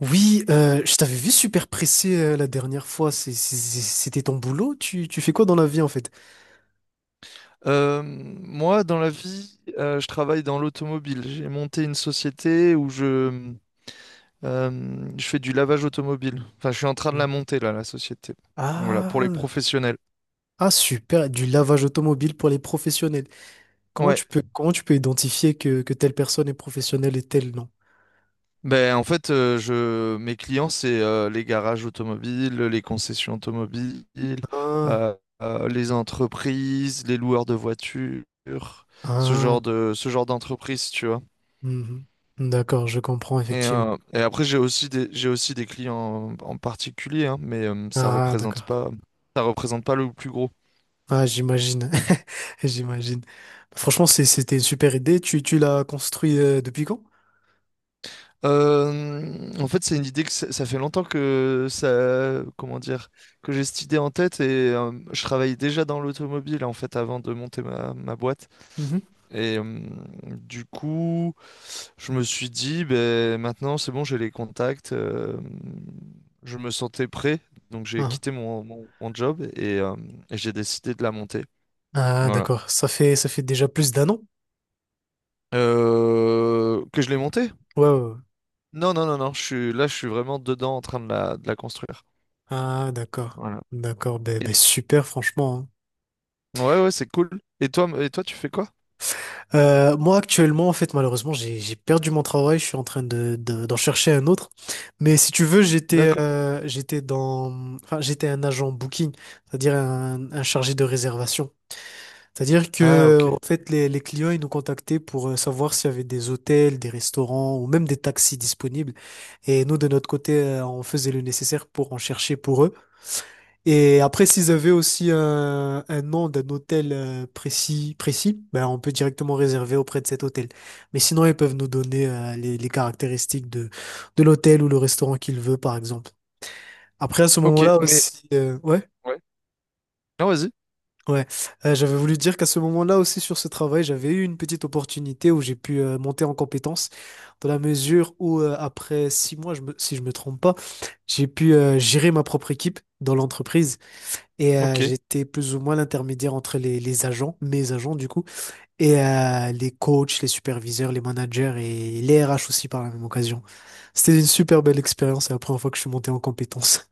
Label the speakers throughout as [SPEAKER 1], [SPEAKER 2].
[SPEAKER 1] Oui, je t'avais vu super pressé la dernière fois. C'était ton boulot? Tu fais quoi dans la vie en fait?
[SPEAKER 2] Moi, dans la vie, je travaille dans l'automobile. J'ai monté une société où je fais du lavage automobile. Enfin, je suis en train de la
[SPEAKER 1] Hein.
[SPEAKER 2] monter, là, la société. Voilà, pour les
[SPEAKER 1] Ah,
[SPEAKER 2] professionnels.
[SPEAKER 1] ah super, du lavage automobile pour les professionnels.
[SPEAKER 2] Ouais.
[SPEAKER 1] Comment tu peux identifier que telle personne est professionnelle et telle non?
[SPEAKER 2] Ben, en fait, mes clients, c'est les garages automobiles, les concessions automobiles,
[SPEAKER 1] Ah,
[SPEAKER 2] euh, les entreprises, les loueurs de voitures,
[SPEAKER 1] ah,
[SPEAKER 2] ce genre d'entreprise, tu vois.
[SPEAKER 1] mhm. D'accord, je comprends
[SPEAKER 2] Et,
[SPEAKER 1] effectivement.
[SPEAKER 2] euh, et après, j'ai aussi des clients en particulier, hein, mais ça
[SPEAKER 1] Ah,
[SPEAKER 2] représente
[SPEAKER 1] d'accord.
[SPEAKER 2] pas, ça représente pas le plus gros.
[SPEAKER 1] Ah, j'imagine. J'imagine. Franchement, c'était une super idée. Tu l'as construit depuis quand?
[SPEAKER 2] En fait, c'est une idée que ça fait longtemps que ça, comment dire, que j'ai cette idée en tête et je travaillais déjà dans l'automobile en fait avant de monter ma boîte.
[SPEAKER 1] Mhm.
[SPEAKER 2] Et du coup, je me suis dit, ben maintenant c'est bon, j'ai les contacts, je me sentais prêt, donc j'ai
[SPEAKER 1] Ah.
[SPEAKER 2] quitté mon job et j'ai décidé de la monter.
[SPEAKER 1] Ah,
[SPEAKER 2] Voilà.
[SPEAKER 1] d'accord. Ça fait déjà plus d'un an?
[SPEAKER 2] Que je l'ai montée?
[SPEAKER 1] Ouais, ouais, ouais.
[SPEAKER 2] Non, non, non, non. Je suis là, je suis vraiment dedans en train de la construire.
[SPEAKER 1] Ah, d'accord.
[SPEAKER 2] Voilà.
[SPEAKER 1] D'accord.
[SPEAKER 2] Et-
[SPEAKER 1] Ben, super, franchement, hein.
[SPEAKER 2] ouais, ouais, c'est cool. Et toi, tu fais quoi?
[SPEAKER 1] Moi, actuellement, en fait, malheureusement, j'ai perdu mon travail. Je suis en train de, d'en chercher un autre. Mais si tu veux,
[SPEAKER 2] D'accord.
[SPEAKER 1] j'étais dans, enfin, j'étais un agent booking, c'est-à-dire un chargé de réservation. C'est-à-dire
[SPEAKER 2] Ah,
[SPEAKER 1] que,
[SPEAKER 2] ok.
[SPEAKER 1] en fait, les clients, ils nous contactaient pour savoir s'il y avait des hôtels, des restaurants ou même des taxis disponibles. Et nous, de notre côté, on faisait le nécessaire pour en chercher pour eux. Et après, s'ils avaient aussi un nom d'un hôtel précis, précis, ben, on peut directement réserver auprès de cet hôtel. Mais sinon, ils peuvent nous donner les caractéristiques de l'hôtel ou le restaurant qu'ils veulent, par exemple. Après, à ce
[SPEAKER 2] Ok,
[SPEAKER 1] moment-là
[SPEAKER 2] mais
[SPEAKER 1] aussi, ouais.
[SPEAKER 2] ouais. Ah, vas-y.
[SPEAKER 1] Ouais. J'avais voulu dire qu'à ce moment-là aussi sur ce travail, j'avais eu une petite opportunité où j'ai pu monter en compétence dans la mesure où après 6 mois, je me- si je me trompe pas, j'ai pu gérer ma propre équipe dans l'entreprise et
[SPEAKER 2] Ok.
[SPEAKER 1] j'étais plus ou moins l'intermédiaire entre les agents, mes agents du coup, et les coachs, les superviseurs, les managers et les RH aussi par la même occasion. C'était une super belle expérience et la première fois que je suis monté en compétence.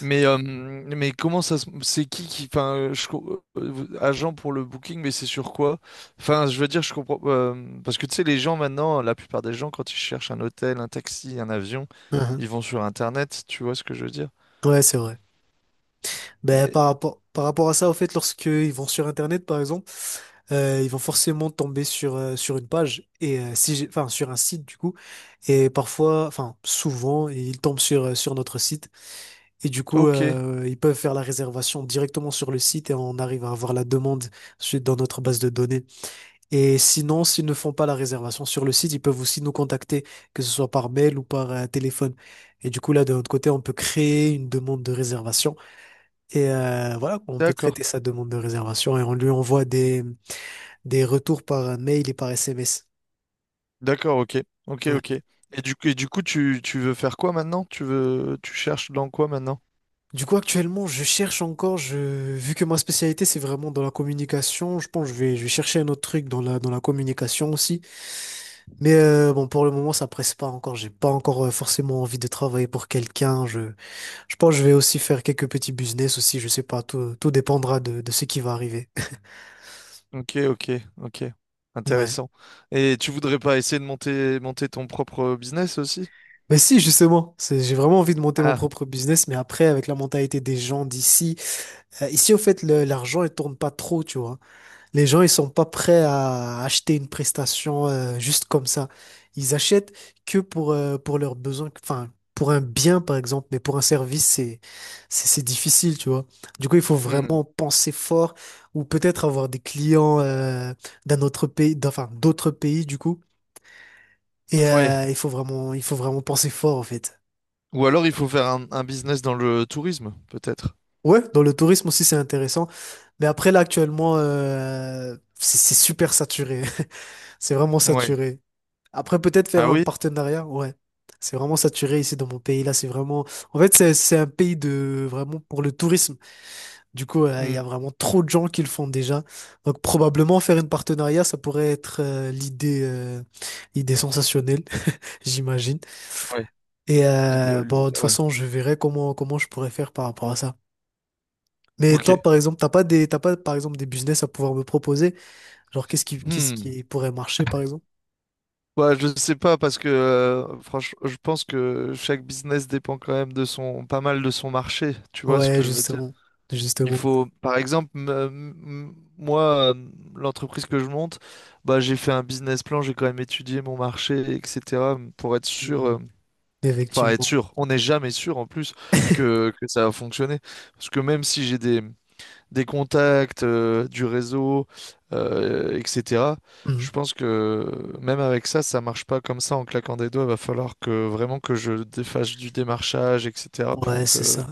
[SPEAKER 2] Mais comment c'est qui enfin agent pour le booking, mais c'est sur quoi? Enfin, je veux dire, je comprends parce que tu sais, les gens maintenant, la plupart des gens, quand ils cherchent un hôtel, un taxi, un avion,
[SPEAKER 1] Mhm.
[SPEAKER 2] ils vont sur Internet, tu vois ce que je veux dire?
[SPEAKER 1] Ouais, c'est vrai.
[SPEAKER 2] Mais
[SPEAKER 1] Par rapport à ça, au fait, lorsqu'ils vont sur Internet, par exemple, ils vont forcément tomber sur, sur une page, et si j'ai- enfin, sur un site, du coup, et parfois, enfin, souvent, ils tombent sur, sur notre site, et du coup,
[SPEAKER 2] ok,
[SPEAKER 1] ils peuvent faire la réservation directement sur le site, et on arrive à avoir la demande dans notre base de données. Et sinon, s'ils ne font pas la réservation sur le site, ils peuvent aussi nous contacter, que ce soit par mail ou par téléphone. Et du coup, là, de notre côté, on peut créer une demande de réservation et voilà, on peut
[SPEAKER 2] d'accord.
[SPEAKER 1] traiter sa demande de réservation et on lui envoie des retours par mail et par SMS.
[SPEAKER 2] D'accord, ok. Ok, ok.
[SPEAKER 1] Ouais.
[SPEAKER 2] Et du coup, tu veux faire quoi maintenant? Tu cherches dans quoi maintenant?
[SPEAKER 1] Du coup, actuellement, je cherche encore, je, vu que ma spécialité, c'est vraiment dans la communication, je pense que je vais chercher un autre truc dans dans la communication aussi. Mais bon, pour le moment, ça presse pas encore. J'ai pas encore forcément envie de travailler pour quelqu'un. Je pense que je vais aussi faire quelques petits business aussi, je sais pas, tout, tout dépendra de ce qui va arriver.
[SPEAKER 2] Ok, ok, ok.
[SPEAKER 1] Ouais.
[SPEAKER 2] Intéressant. Et tu voudrais pas essayer de monter ton propre business aussi?
[SPEAKER 1] Mais si, justement, c'est- j'ai vraiment envie de monter mon
[SPEAKER 2] Ah,
[SPEAKER 1] propre business, mais après, avec la mentalité des gens d'ici, ici, au fait, l'argent, il tourne pas trop, tu vois. Les gens, ils sont pas prêts à acheter une prestation, juste comme ça. Ils achètent que pour leurs besoins, enfin, pour un bien, par exemple, mais pour un service, c'est difficile, tu vois. Du coup, il faut
[SPEAKER 2] hmm.
[SPEAKER 1] vraiment penser fort ou peut-être avoir des clients, d'enfin, d'autres pays, du coup. Et,
[SPEAKER 2] Ouais.
[SPEAKER 1] il faut vraiment penser fort, en fait.
[SPEAKER 2] Ou alors il faut faire un business dans le tourisme, peut-être.
[SPEAKER 1] Ouais, dans le tourisme aussi, c'est intéressant. Mais après, là, actuellement, c'est super saturé. C'est vraiment
[SPEAKER 2] Ouais.
[SPEAKER 1] saturé. Après, peut-être faire
[SPEAKER 2] Ah
[SPEAKER 1] un
[SPEAKER 2] oui?
[SPEAKER 1] partenariat, ouais. C'est vraiment saturé ici dans mon pays. Là, c'est vraiment. En fait, c'est un pays de vraiment pour le tourisme. Du coup, il y
[SPEAKER 2] Hmm.
[SPEAKER 1] a vraiment trop de gens qui le font déjà. Donc, probablement faire une partenariat, ça pourrait être l'idée sensationnelle, j'imagine.
[SPEAKER 2] Ouais.
[SPEAKER 1] Et
[SPEAKER 2] Vidéo-
[SPEAKER 1] bon, de toute
[SPEAKER 2] ouais.
[SPEAKER 1] façon, je verrai comment je pourrais faire par rapport à ça. Mais toi,
[SPEAKER 2] Ok.
[SPEAKER 1] par exemple, t'as pas, par exemple, des business à pouvoir me proposer? Genre, qu'est-ce
[SPEAKER 2] Hmm.
[SPEAKER 1] qui pourrait marcher, par exemple?
[SPEAKER 2] Ouais, je sais pas parce que franchement, je pense que chaque business dépend quand même pas mal de son marché. Tu vois ce
[SPEAKER 1] Ouais,
[SPEAKER 2] que je veux dire?
[SPEAKER 1] justement.
[SPEAKER 2] Il
[SPEAKER 1] Justement.
[SPEAKER 2] faut, par exemple, moi, l'entreprise que je monte, bah, j'ai fait un business plan, j'ai quand même étudié mon marché, etc., pour être sûr,
[SPEAKER 1] Mhm.
[SPEAKER 2] enfin être
[SPEAKER 1] Effectivement.
[SPEAKER 2] sûr, on n'est jamais sûr en plus que ça va fonctionner. Parce que même si j'ai des contacts, du réseau, etc., je
[SPEAKER 1] Mhm.
[SPEAKER 2] pense que même avec ça, ça marche pas comme ça en claquant des doigts. Il va falloir que vraiment que je défasse du démarchage, etc.,
[SPEAKER 1] Ouais,
[SPEAKER 2] pour
[SPEAKER 1] c'est
[SPEAKER 2] que,
[SPEAKER 1] ça.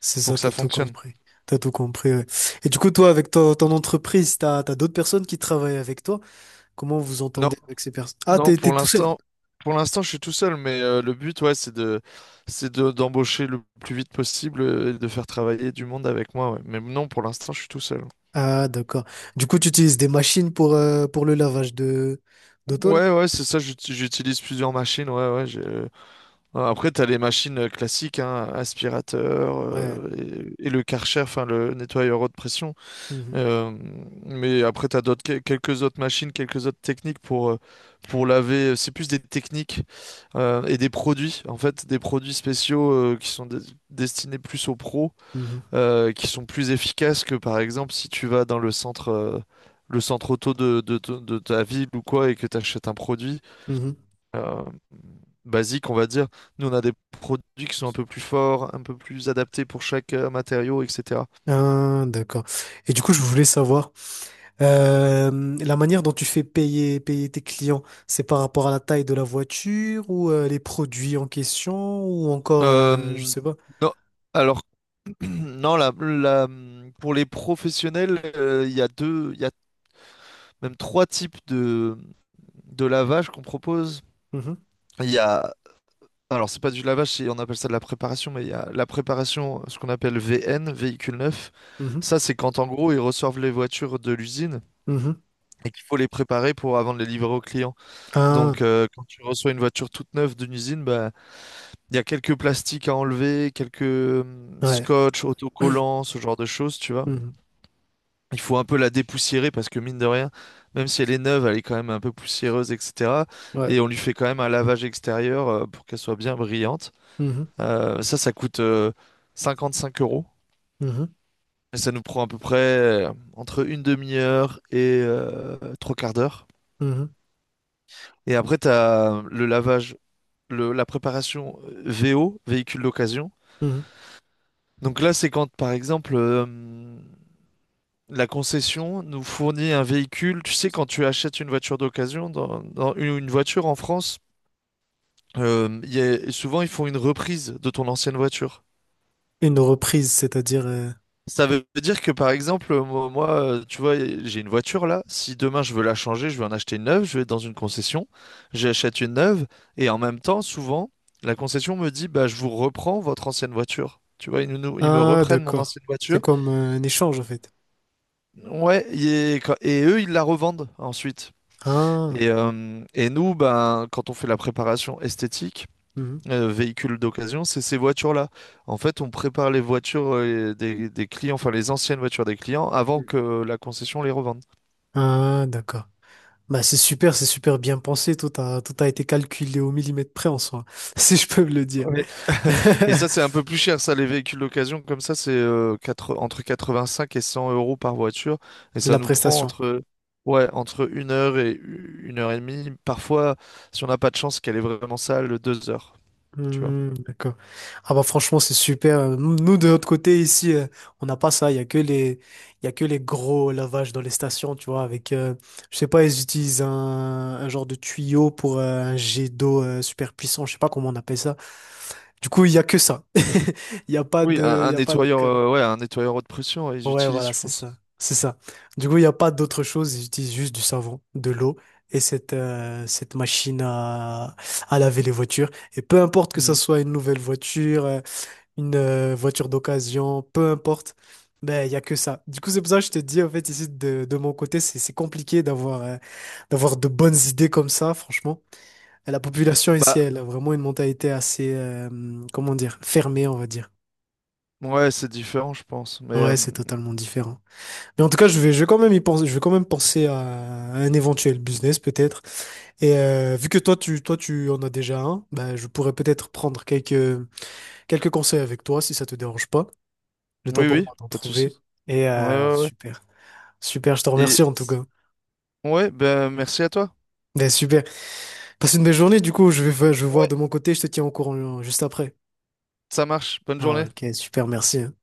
[SPEAKER 1] C'est
[SPEAKER 2] pour
[SPEAKER 1] ça,
[SPEAKER 2] que ça
[SPEAKER 1] t'as tout
[SPEAKER 2] fonctionne.
[SPEAKER 1] compris. T'as tout compris, ouais. Et du coup, toi, avec ton entreprise, t'as d'autres personnes qui travaillent avec toi? Comment vous
[SPEAKER 2] Non.
[SPEAKER 1] entendez avec ces personnes? Ah,
[SPEAKER 2] Non,
[SPEAKER 1] t'es
[SPEAKER 2] pour
[SPEAKER 1] tout seul.
[SPEAKER 2] l'instant, pour l'instant, je suis tout seul, mais le but, ouais, c'est d'embaucher le plus vite possible et de faire travailler du monde avec moi, ouais. Mais non, pour l'instant, je suis tout seul.
[SPEAKER 1] Ah, d'accord. Du coup, tu utilises des machines pour le lavage de, d'auto, là?
[SPEAKER 2] Ouais, ouais, c'est ça, j'utilise plusieurs machines, ouais, ouais. Après, t'as les machines classiques, hein, aspirateur,
[SPEAKER 1] Ouais.
[SPEAKER 2] et le Karcher, enfin, le nettoyeur haute pression.
[SPEAKER 1] Mhm.
[SPEAKER 2] Euh, mais après, tu as quelques autres machines, quelques autres techniques pour laver. C'est plus des techniques et des produits, en fait, des produits spéciaux qui sont destinés plus aux pros,
[SPEAKER 1] Mhm.
[SPEAKER 2] qui sont plus efficaces que, par exemple, si tu vas dans le centre auto de ta ville ou quoi, et que tu achètes un produit
[SPEAKER 1] Mhm.
[SPEAKER 2] euh, basique, on va dire. Nous, on a des produits qui sont un peu plus forts, un peu plus adaptés pour chaque matériau, etc.
[SPEAKER 1] Ah, d'accord. Et du coup, je voulais savoir, la manière dont tu fais payer, payer tes clients, c'est par rapport à la taille de la voiture ou les produits en question ou encore, je
[SPEAKER 2] Euh,
[SPEAKER 1] sais pas.
[SPEAKER 2] non. Alors non, pour les professionnels, il y a deux, il y a même trois types de lavage qu'on propose.
[SPEAKER 1] Mhm,
[SPEAKER 2] Il y a, alors c'est pas du lavage, on appelle ça de la préparation, mais il y a la préparation, ce qu'on appelle VN, véhicule neuf.
[SPEAKER 1] mhm,
[SPEAKER 2] Ça, c'est quand en gros ils reçoivent les voitures de l'usine,
[SPEAKER 1] mhm.
[SPEAKER 2] et qu'il faut les préparer pour avant de les livrer au client. Donc
[SPEAKER 1] Ah,
[SPEAKER 2] quand tu reçois une voiture toute neuve d'une usine, bah, il y a quelques plastiques à enlever, quelques
[SPEAKER 1] ouais.
[SPEAKER 2] scotch, autocollants, ce genre de choses, tu vois.
[SPEAKER 1] Mhm,
[SPEAKER 2] Il faut un peu la dépoussiérer parce que, mine de rien, même si elle est neuve, elle est quand même un peu poussiéreuse, etc.
[SPEAKER 1] ouais.
[SPEAKER 2] Et on lui fait quand même un lavage extérieur pour qu'elle soit bien brillante.
[SPEAKER 1] Mhm,
[SPEAKER 2] Ça, ça coûte 55 euros.
[SPEAKER 1] mhm,
[SPEAKER 2] Et ça nous prend à peu près, entre une demi-heure et trois quarts d'heure.
[SPEAKER 1] mhm,
[SPEAKER 2] Et après, tu as le lavage, la préparation VO, véhicule d'occasion.
[SPEAKER 1] mhm.
[SPEAKER 2] Donc là, c'est quand, par exemple, la concession nous fournit un véhicule. Tu sais, quand tu achètes une voiture d'occasion, dans une voiture en France, souvent ils font une reprise de ton ancienne voiture.
[SPEAKER 1] Une reprise, c'est-à-dire...
[SPEAKER 2] Ça veut dire que, par exemple, moi, tu vois, j'ai une voiture là. Si demain je veux la changer, je veux en acheter une neuve, je vais dans une concession, j'achète une neuve, et en même temps, souvent, la concession me dit, bah, je vous reprends votre ancienne voiture. Tu vois, ils me
[SPEAKER 1] Ah,
[SPEAKER 2] reprennent mon
[SPEAKER 1] d'accord.
[SPEAKER 2] ancienne
[SPEAKER 1] C'est
[SPEAKER 2] voiture.
[SPEAKER 1] comme un échange, en fait.
[SPEAKER 2] Ouais, et eux, ils la revendent ensuite. Et,
[SPEAKER 1] Ah,
[SPEAKER 2] euh, et nous, ben, quand on fait la préparation esthétique,
[SPEAKER 1] mhm.
[SPEAKER 2] véhicule d'occasion, c'est ces voitures-là. En fait, on prépare les voitures des clients, enfin les anciennes voitures des clients, avant que la concession les revende.
[SPEAKER 1] Ah, d'accord. Bah, c'est super bien pensé. Tout a été calculé au millimètre près en soi, si je peux me le dire.
[SPEAKER 2] Ouais. Et ça, c'est un peu plus cher, ça, les véhicules d'occasion, comme ça, c'est entre 85 et 100 euros par voiture. Et ça
[SPEAKER 1] La
[SPEAKER 2] nous prend
[SPEAKER 1] prestation.
[SPEAKER 2] entre, ouais, entre une heure et demie. Parfois, si on n'a pas de chance qu'elle est vraiment sale, 2 heures. Tu vois.
[SPEAKER 1] Hmm, d'accord. Ah bah franchement, c'est super. Nous, de notre côté, ici, on n'a pas ça. Il y a que les gros lavages dans les stations, tu vois, avec, je sais pas, ils utilisent un genre de tuyau pour un jet d'eau super puissant. Je sais pas comment on appelle ça. Du coup, il y a que ça.
[SPEAKER 2] Oui, un,
[SPEAKER 1] Il
[SPEAKER 2] un
[SPEAKER 1] y a pas de.
[SPEAKER 2] nettoyeur, ouais, un nettoyeur haute pression, ouais, ils
[SPEAKER 1] Ouais,
[SPEAKER 2] utilisent,
[SPEAKER 1] voilà,
[SPEAKER 2] je
[SPEAKER 1] c'est
[SPEAKER 2] pense.
[SPEAKER 1] ça. C'est ça. Du coup, il n'y a pas d'autre chose. Ils utilisent juste du savon, de l'eau et cette, cette machine à laver les voitures. Et peu importe que ça
[SPEAKER 2] Mhm.
[SPEAKER 1] soit une nouvelle voiture, une voiture d'occasion, peu importe, ben, il n'y a que ça. Du coup, c'est pour ça que je te dis, en fait, ici, de mon côté, c'est compliqué d'avoir, d'avoir de bonnes idées comme ça, franchement. Et la population ici,
[SPEAKER 2] Bah,
[SPEAKER 1] elle a vraiment une mentalité assez, comment dire, fermée, on va dire.
[SPEAKER 2] ouais, c'est différent, je pense. Mais
[SPEAKER 1] Ouais, c'est totalement différent. Mais en tout cas, je vais quand même y penser, je vais quand même penser à un éventuel business peut-être. Et vu que toi, tu en as déjà un, ben, je pourrais peut-être prendre quelques, quelques conseils avec toi si ça te dérange pas. Le temps
[SPEAKER 2] oui,
[SPEAKER 1] pour
[SPEAKER 2] oui,
[SPEAKER 1] moi d'en
[SPEAKER 2] pas de
[SPEAKER 1] trouver.
[SPEAKER 2] souci.
[SPEAKER 1] Et
[SPEAKER 2] Ouais, ouais, ouais.
[SPEAKER 1] super, super, je te
[SPEAKER 2] Et
[SPEAKER 1] remercie en tout cas.
[SPEAKER 2] ouais, ben merci à toi.
[SPEAKER 1] Ben, super. Passe une belle journée, du coup, je vais voir
[SPEAKER 2] Ouais,
[SPEAKER 1] de mon côté, je te tiens au courant juste après.
[SPEAKER 2] ça marche. Bonne
[SPEAKER 1] Ah,
[SPEAKER 2] journée.
[SPEAKER 1] ok, super, merci, hein.